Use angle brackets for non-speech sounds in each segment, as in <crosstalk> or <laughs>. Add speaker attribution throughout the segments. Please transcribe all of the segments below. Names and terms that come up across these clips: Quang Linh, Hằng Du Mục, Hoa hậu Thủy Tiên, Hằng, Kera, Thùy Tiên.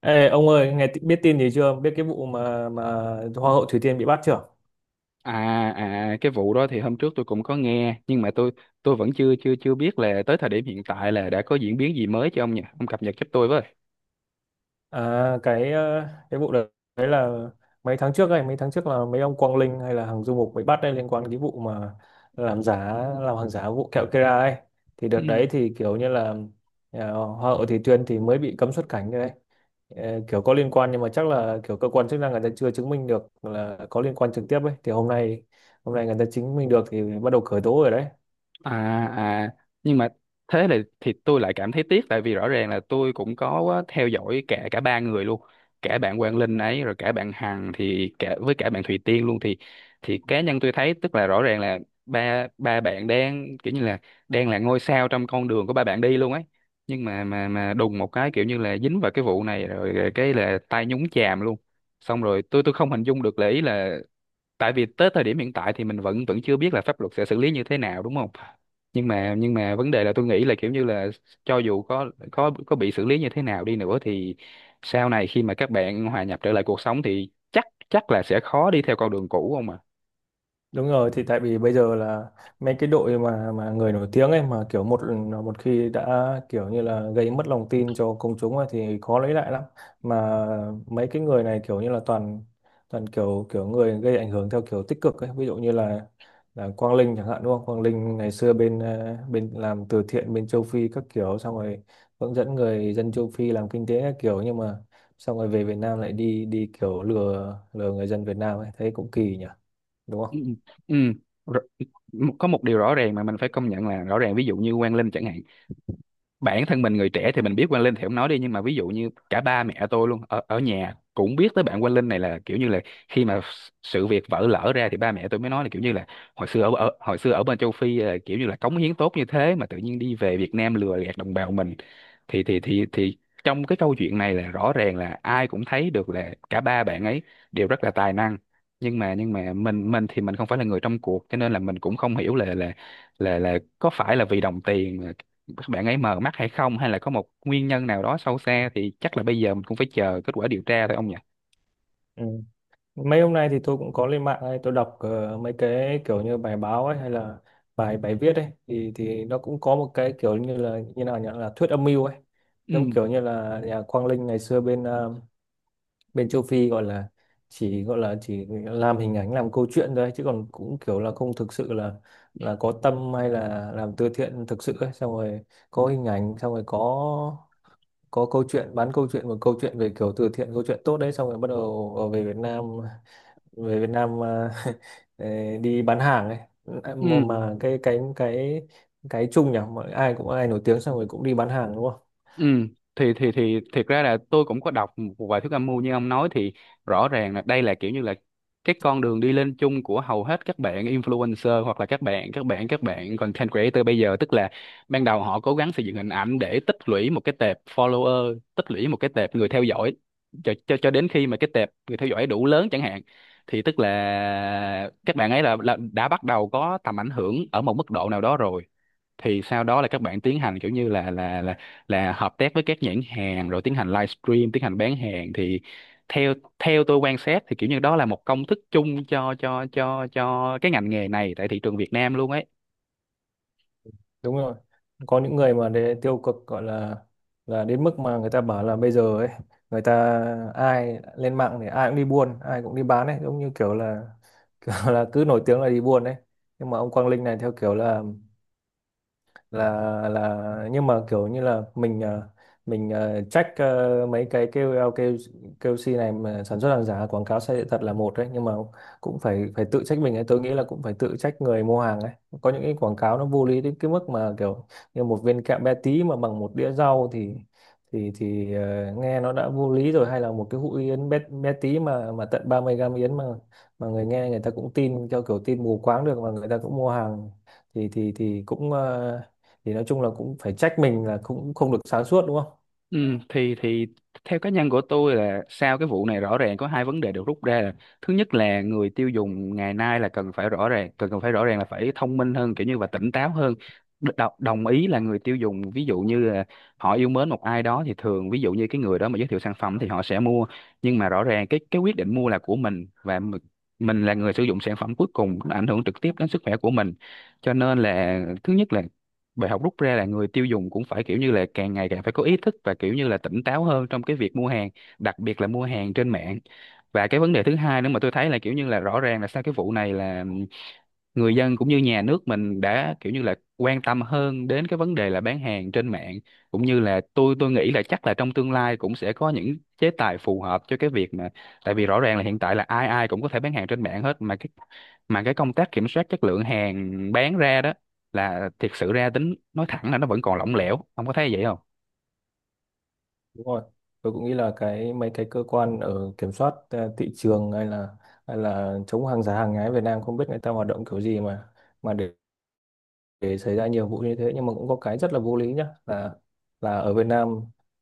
Speaker 1: Ê, ông ơi, nghe biết tin gì chưa? Biết cái vụ mà Hoa hậu Thủy Tiên bị bắt chưa?
Speaker 2: À, à, cái vụ đó thì hôm trước tôi cũng có nghe, nhưng mà tôi vẫn chưa chưa chưa biết là tới thời điểm hiện tại là đã có diễn biến gì mới cho ông nhỉ? Ông cập nhật giúp tôi
Speaker 1: À, cái vụ đấy đấy là mấy tháng trước là mấy ông Quang Linh hay là Hằng Du Mục bị bắt đây, liên quan cái vụ mà làm giá làm hàng giả vụ kẹo Kera ấy. Thì đợt
Speaker 2: với.
Speaker 1: đấy thì kiểu như là Hoa hậu Thủy Tiên thì mới bị cấm xuất cảnh đấy. Ờ, kiểu có liên quan, nhưng mà chắc là kiểu cơ quan chức năng người ta chưa chứng minh được là có liên quan trực tiếp ấy. Thì hôm nay người ta chứng minh được thì bắt đầu khởi tố rồi đấy.
Speaker 2: à à nhưng mà thế là thì tôi lại cảm thấy tiếc, tại vì rõ ràng là tôi cũng có á, theo dõi cả cả ba người luôn, cả bạn Quang Linh ấy, rồi cả bạn Hằng, thì cả với cả bạn Thùy Tiên luôn. Thì cá nhân tôi thấy tức là rõ ràng là ba ba bạn đang kiểu như là đang là ngôi sao trong con đường của ba bạn đi luôn ấy, nhưng mà đùng một cái kiểu như là dính vào cái vụ này rồi cái là tay nhúng chàm luôn. Xong rồi tôi không hình dung được là, ý là tại vì tới thời điểm hiện tại thì mình vẫn vẫn chưa biết là pháp luật sẽ xử lý như thế nào, đúng không? Nhưng mà vấn đề là tôi nghĩ là kiểu như là cho dù có bị xử lý như thế nào đi nữa thì sau này khi mà các bạn hòa nhập trở lại cuộc sống thì chắc chắc là sẽ khó đi theo con đường cũ không à.
Speaker 1: Đúng rồi, thì tại vì bây giờ là mấy cái đội mà người nổi tiếng ấy, mà kiểu một một khi đã kiểu như là gây mất lòng tin cho công chúng ấy, thì khó lấy lại lắm. Mà mấy cái người này kiểu như là toàn toàn kiểu kiểu người gây ảnh hưởng theo kiểu tích cực ấy, ví dụ như là Quang Linh chẳng hạn, đúng không? Quang Linh ngày xưa bên ờ, bên làm từ thiện bên châu Phi các kiểu, xong rồi hướng dẫn người dân châu Phi làm kinh tế các kiểu, nhưng mà xong rồi về Việt Nam lại đi đi kiểu lừa lừa người dân Việt Nam ấy, thấy cũng kỳ nhỉ, đúng không?
Speaker 2: Ừ. Ừ. Rõ- có một điều rõ ràng mà mình phải công nhận là, rõ ràng ví dụ như Quang Linh chẳng hạn, bản thân mình người trẻ thì mình biết Quang Linh thì không nói đi, nhưng mà ví dụ như cả ba mẹ tôi luôn ở ở nhà cũng biết tới bạn Quang Linh này, là kiểu như là khi mà sự việc vỡ lở ra thì ba mẹ tôi mới nói là kiểu như là hồi xưa ở, ở hồi xưa ở bên châu Phi là kiểu như là cống hiến tốt như thế mà tự nhiên đi về Việt Nam lừa gạt đồng bào mình. Thì trong cái câu chuyện này là rõ ràng là ai cũng thấy được là cả ba bạn ấy đều rất là tài năng. Nhưng mà mình thì mình không phải là người trong cuộc, cho nên là mình cũng không hiểu là có phải là vì đồng tiền các bạn ấy mờ mắt hay không, hay là có một nguyên nhân nào đó sâu xa, thì chắc là bây giờ mình cũng phải chờ kết quả điều tra thôi ông nhỉ.
Speaker 1: Ừ. Mấy hôm nay thì tôi cũng có lên mạng ấy, tôi đọc mấy cái kiểu như bài báo ấy, hay là bài bài viết ấy, thì nó cũng có một cái kiểu như là, như nào nhỉ, là thuyết âm mưu ấy, giống
Speaker 2: Ừ.
Speaker 1: kiểu như là nhà Quang Linh ngày xưa bên bên châu Phi gọi là chỉ, làm hình ảnh làm câu chuyện thôi ấy, chứ còn cũng kiểu là không thực sự là có tâm hay là làm từ thiện thực sự ấy, xong rồi có hình ảnh, xong rồi có câu chuyện, bán câu chuyện, một câu chuyện về kiểu từ thiện, câu chuyện tốt đấy, xong rồi bắt đầu về Việt Nam, mà <laughs> ờ, đi bán hàng ấy mà,
Speaker 2: Ừ.
Speaker 1: cái chung nhỉ, ai cũng, ai nổi tiếng xong rồi cũng đi bán hàng, đúng không?
Speaker 2: Ừ, thì thiệt ra là tôi cũng có đọc một vài thuyết âm mưu như ông nói. Thì rõ ràng là đây là kiểu như là cái con đường đi lên chung của hầu hết các bạn influencer, hoặc là các bạn content creator bây giờ. Tức là ban đầu họ cố gắng xây dựng hình ảnh để tích lũy một cái tệp follower, tích lũy một cái tệp người theo dõi, cho đến khi mà cái tệp người theo dõi đủ lớn chẳng hạn, thì tức là các bạn ấy là đã bắt đầu có tầm ảnh hưởng ở một mức độ nào đó rồi. Thì sau đó là các bạn tiến hành kiểu như là hợp tác với các nhãn hàng, rồi tiến hành livestream, tiến hành bán hàng. Thì theo theo tôi quan sát thì kiểu như đó là một công thức chung cho cái ngành nghề này tại thị trường Việt Nam luôn ấy.
Speaker 1: Đúng rồi, có những người mà để tiêu cực gọi là đến mức mà người ta bảo là bây giờ ấy, người ta ai lên mạng thì ai cũng đi buôn, ai cũng đi bán ấy, giống như kiểu là <laughs> kiểu là cứ nổi tiếng là đi buôn ấy. Nhưng mà ông Quang Linh này theo kiểu là, nhưng mà kiểu như là mình check mấy cái KOL, kêu kêu KOC này mà sản xuất hàng giả, quảng cáo sai sự thật là một đấy, nhưng mà cũng phải phải tự trách mình ấy. Tôi nghĩ là cũng phải tự trách người mua hàng ấy. Có những cái quảng cáo nó vô lý đến cái mức mà kiểu như một viên kẹo bé tí mà bằng một đĩa rau thì, nghe nó đã vô lý rồi, hay là một cái hũ yến bé tí mà tận 30 gram yến, mà người nghe, người ta cũng tin theo kiểu tin mù quáng được, mà người ta cũng mua hàng, thì cũng ờ, thì nói chung là cũng phải trách mình là cũng không được sáng suốt, đúng không?
Speaker 2: Ừ, thì theo cá nhân của tôi là sau cái vụ này rõ ràng có hai vấn đề được rút ra là: thứ nhất là người tiêu dùng ngày nay là cần phải rõ ràng, cần cần phải rõ ràng là phải thông minh hơn kiểu như và tỉnh táo hơn. Đồng ý là người tiêu dùng ví dụ như là họ yêu mến một ai đó thì thường ví dụ như cái người đó mà giới thiệu sản phẩm thì họ sẽ mua, nhưng mà rõ ràng cái quyết định mua là của mình, và mình là người sử dụng sản phẩm cuối cùng, nó ảnh hưởng trực tiếp đến sức khỏe của mình. Cho nên là thứ nhất là bài học rút ra là người tiêu dùng cũng phải kiểu như là càng ngày càng phải có ý thức và kiểu như là tỉnh táo hơn trong cái việc mua hàng, đặc biệt là mua hàng trên mạng. Và cái vấn đề thứ hai nữa mà tôi thấy là kiểu như là rõ ràng là sau cái vụ này là người dân cũng như nhà nước mình đã kiểu như là quan tâm hơn đến cái vấn đề là bán hàng trên mạng, cũng như là tôi nghĩ là chắc là trong tương lai cũng sẽ có những chế tài phù hợp cho cái việc mà tại vì rõ ràng là hiện tại là ai ai cũng có thể bán hàng trên mạng hết, mà cái công tác kiểm soát chất lượng hàng bán ra đó là thiệt sự ra tính nói thẳng là nó vẫn còn lỏng lẻo, ông có thấy vậy không?
Speaker 1: Đúng rồi, tôi cũng nghĩ là mấy cái cơ quan ở kiểm soát thị trường, hay là chống hàng giả hàng nhái Việt Nam không biết người ta hoạt động kiểu gì mà, để xảy ra nhiều vụ như thế. Nhưng mà cũng có cái rất là vô lý nhá, là ở Việt Nam,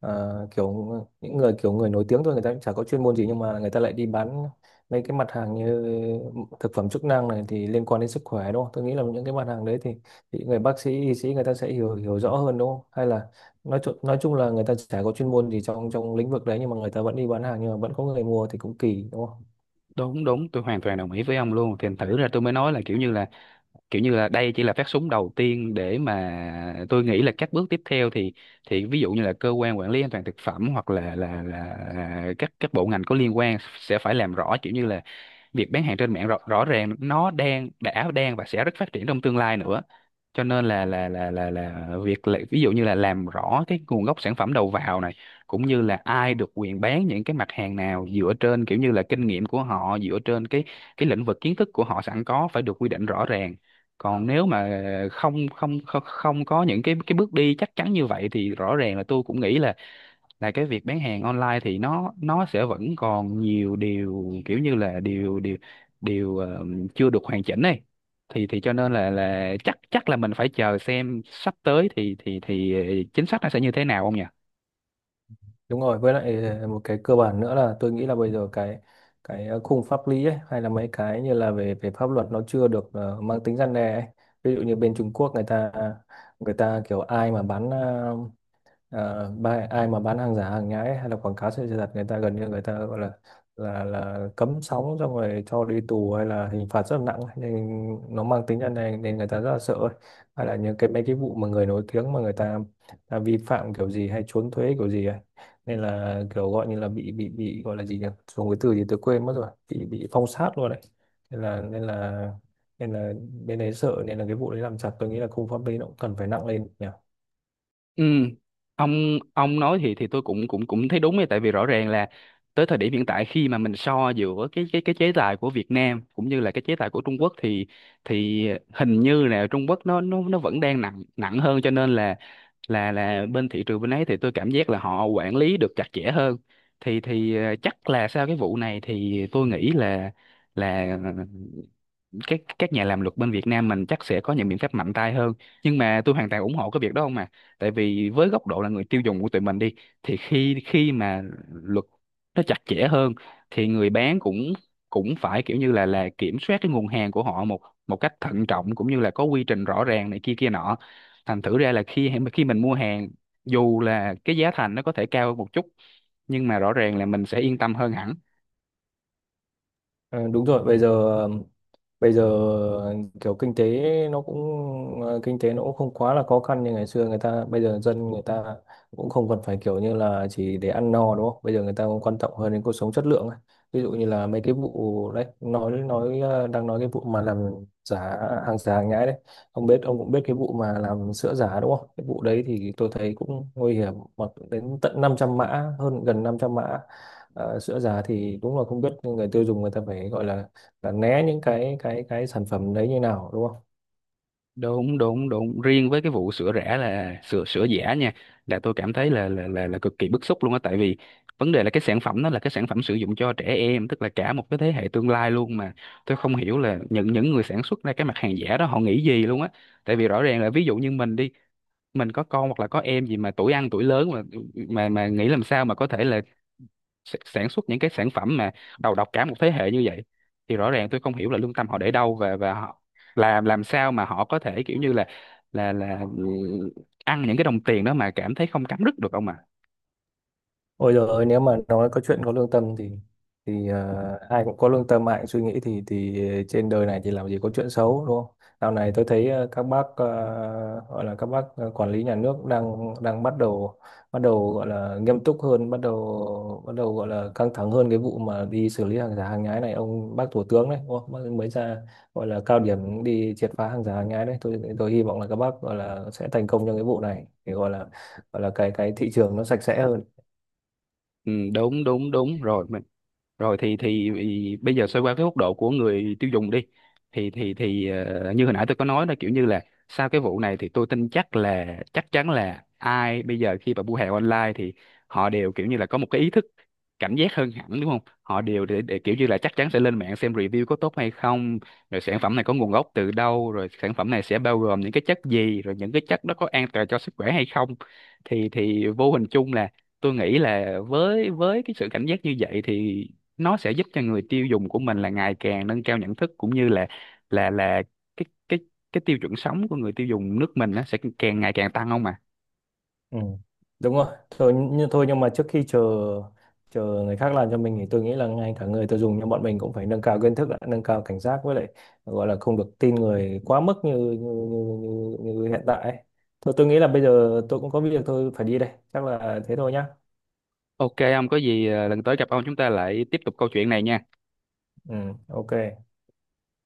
Speaker 1: kiểu những người kiểu người nổi tiếng thôi, người ta cũng chả có chuyên môn gì nhưng mà người ta lại đi bán mấy cái mặt hàng như thực phẩm chức năng này, thì liên quan đến sức khỏe, đúng không? Tôi nghĩ là những cái mặt hàng đấy thì, người bác sĩ, y sĩ người ta sẽ hiểu hiểu rõ hơn, đúng không? Hay là nói chung, là người ta chả có chuyên môn gì trong trong lĩnh vực đấy nhưng mà người ta vẫn đi bán hàng, nhưng mà vẫn có người mua thì cũng kỳ, đúng?
Speaker 2: Đúng, đúng, tôi hoàn toàn đồng ý với ông luôn. Thì thử ra tôi mới nói là kiểu như là kiểu như là đây chỉ là phát súng đầu tiên, để mà tôi nghĩ là các bước tiếp theo thì ví dụ như là cơ quan quản lý an toàn thực phẩm, hoặc các bộ ngành có liên quan, sẽ phải làm rõ kiểu như là việc bán hàng trên mạng rõ ràng nó đang đã đang và sẽ rất phát triển trong tương lai nữa. Cho nên là việc là, ví dụ như là làm rõ cái nguồn gốc sản phẩm đầu vào này, cũng như là ai được quyền bán những cái mặt hàng nào dựa trên kiểu như là kinh nghiệm của họ, dựa trên cái lĩnh vực kiến thức của họ sẵn có, phải được quy định rõ ràng. Còn nếu mà không không không không có những cái bước đi chắc chắn như vậy thì rõ ràng là tôi cũng nghĩ là cái việc bán hàng online thì nó sẽ vẫn còn nhiều điều kiểu như là điều điều điều ờ, chưa được hoàn chỉnh này. Thì cho nên là chắc chắc là mình phải chờ xem sắp tới chính sách nó sẽ như thế nào không nhỉ.
Speaker 1: Đúng rồi, với lại một cái cơ bản nữa là tôi nghĩ là bây giờ cái, khung pháp lý ấy, hay là mấy cái như là về về pháp luật, nó chưa được mang tính răn đe ấy. Ví dụ như bên Trung Quốc, người ta kiểu ai mà bán ai mà bán hàng giả hàng nhái hay là quảng cáo sai sự thật, người ta gần như, người ta gọi là cấm sóng, xong rồi cho đi tù, hay là hình phạt rất là nặng, nên nó mang tính chất này nên người ta rất là sợ ấy. Hay là những cái mấy cái vụ mà người nổi tiếng mà người ta vi phạm kiểu gì hay trốn thuế kiểu gì ấy, nên là kiểu gọi như là bị, gọi là gì nhỉ, dùng cái từ gì tôi quên mất rồi, bị phong sát luôn đấy. Nên là, nên là bên đấy sợ, nên là cái vụ đấy làm chặt, tôi nghĩ là khung pháp lý nó cũng cần phải nặng lên nhỉ.
Speaker 2: Ừ, ông nói thì tôi cũng cũng cũng thấy đúng ấy, tại vì rõ ràng là tới thời điểm hiện tại khi mà mình so giữa cái chế tài của Việt Nam cũng như là cái chế tài của Trung Quốc thì thì hình như là Trung Quốc nó vẫn đang nặng nặng hơn, cho nên là bên thị trường bên ấy thì tôi cảm giác là họ quản lý được chặt chẽ hơn. Chắc là sau cái vụ này thì tôi nghĩ là là các nhà làm luật bên Việt Nam mình chắc sẽ có những biện pháp mạnh tay hơn, nhưng mà tôi hoàn toàn ủng hộ cái việc đó không mà. Tại vì với góc độ là người tiêu dùng của tụi mình đi, thì khi khi mà luật nó chặt chẽ hơn thì người bán cũng cũng phải kiểu như là kiểm soát cái nguồn hàng của họ một một cách thận trọng, cũng như là có quy trình rõ ràng này kia kia nọ, thành thử ra là khi khi mình mua hàng, dù là cái giá thành nó có thể cao hơn một chút, nhưng mà rõ ràng là mình sẽ yên tâm hơn hẳn.
Speaker 1: Ờ, đúng rồi. Bây giờ, bây giờ kiểu kinh tế nó cũng, không quá là khó khăn như ngày xưa. Người ta bây giờ, dân người ta cũng không còn phải kiểu như là chỉ để ăn no, đúng không? Bây giờ người ta cũng quan trọng hơn đến cuộc sống chất lượng ấy. Ví dụ như là mấy cái vụ đấy, nói, đang nói cái vụ mà làm giả giả hàng nhái đấy. Ông ông cũng biết cái vụ mà làm sữa giả, đúng không? Cái vụ đấy thì tôi thấy cũng nguy hiểm mà, đến tận 500 mã, hơn, gần 500 mã. Sữa giả thì đúng là không biết người tiêu dùng người ta phải gọi là, né những cái sản phẩm đấy như nào, đúng không?
Speaker 2: Đúng, đúng, đúng, riêng với cái vụ sữa rẻ là sữa sữa giả nha, là tôi cảm thấy là là cực kỳ bức xúc luôn á, tại vì vấn đề là cái sản phẩm nó là cái sản phẩm sử dụng cho trẻ em, tức là cả một cái thế hệ tương lai luôn mà. Tôi không hiểu là những người sản xuất ra cái mặt hàng giả đó họ nghĩ gì luôn á, tại vì rõ ràng là ví dụ như mình đi, mình có con hoặc là có em gì mà tuổi ăn tuổi lớn mà, mà nghĩ làm sao mà có thể là sản xuất những cái sản phẩm mà đầu độc cả một thế hệ như vậy. Thì rõ ràng tôi không hiểu là lương tâm họ để đâu, và họ làm sao mà họ có thể kiểu như là là là ừ, ăn những cái đồng tiền đó mà cảm thấy không cắn rứt được không ạ.
Speaker 1: Ôi giời ơi, nếu mà nói có chuyện có lương tâm thì, ai cũng có lương tâm, ai cũng suy nghĩ, thì trên đời này thì làm gì có chuyện xấu, đúng không? Dạo này tôi thấy các bác, gọi là các bác, quản lý nhà nước đang đang bắt đầu, bắt đầu gọi là nghiêm túc hơn, bắt đầu gọi là căng thẳng hơn cái vụ mà đi xử lý hàng giả hàng nhái này. Ông bác thủ tướng đấy, đúng không? Bác mới ra gọi là cao điểm đi triệt phá hàng giả hàng nhái đấy. Tôi hy vọng là các bác gọi là sẽ thành công trong cái vụ này để gọi là, cái thị trường nó sạch sẽ hơn.
Speaker 2: Ừ, đúng, đúng, đúng rồi, rồi. Thì bây giờ xoay qua cái góc độ của người tiêu dùng đi, thì như hồi nãy tôi có nói là kiểu như là sau cái vụ này thì tôi tin chắc là chắc chắn là ai bây giờ khi mà mua hàng online thì họ đều kiểu như là có một cái ý thức cảnh giác hơn hẳn, đúng không? Họ đều để kiểu như là chắc chắn sẽ lên mạng xem review có tốt hay không, rồi sản phẩm này có nguồn gốc từ đâu, rồi sản phẩm này sẽ bao gồm những cái chất gì, rồi những cái chất đó có an toàn cho sức khỏe hay không. Thì vô hình chung là tôi nghĩ là với cái sự cảnh giác như vậy thì nó sẽ giúp cho người tiêu dùng của mình là ngày càng nâng cao nhận thức, cũng như là là là cái cái cái tiêu chuẩn sống của người tiêu dùng nước mình nó sẽ càng ngày càng tăng không mà.
Speaker 1: Ừ, đúng rồi. Thôi, thôi, nhưng mà trước khi chờ chờ người khác làm cho mình thì tôi nghĩ là ngay cả người tiêu dùng như bọn mình cũng phải nâng cao kiến thức, đã, nâng cao cảnh giác, với lại gọi là không được tin người quá mức như, như hiện tại ấy. Thôi tôi nghĩ là bây giờ tôi cũng có việc, tôi phải đi đây. Chắc là thế thôi nhá.
Speaker 2: OK, ông có gì lần tới gặp ông chúng ta lại tiếp tục câu chuyện này nha.
Speaker 1: Ừ, ok.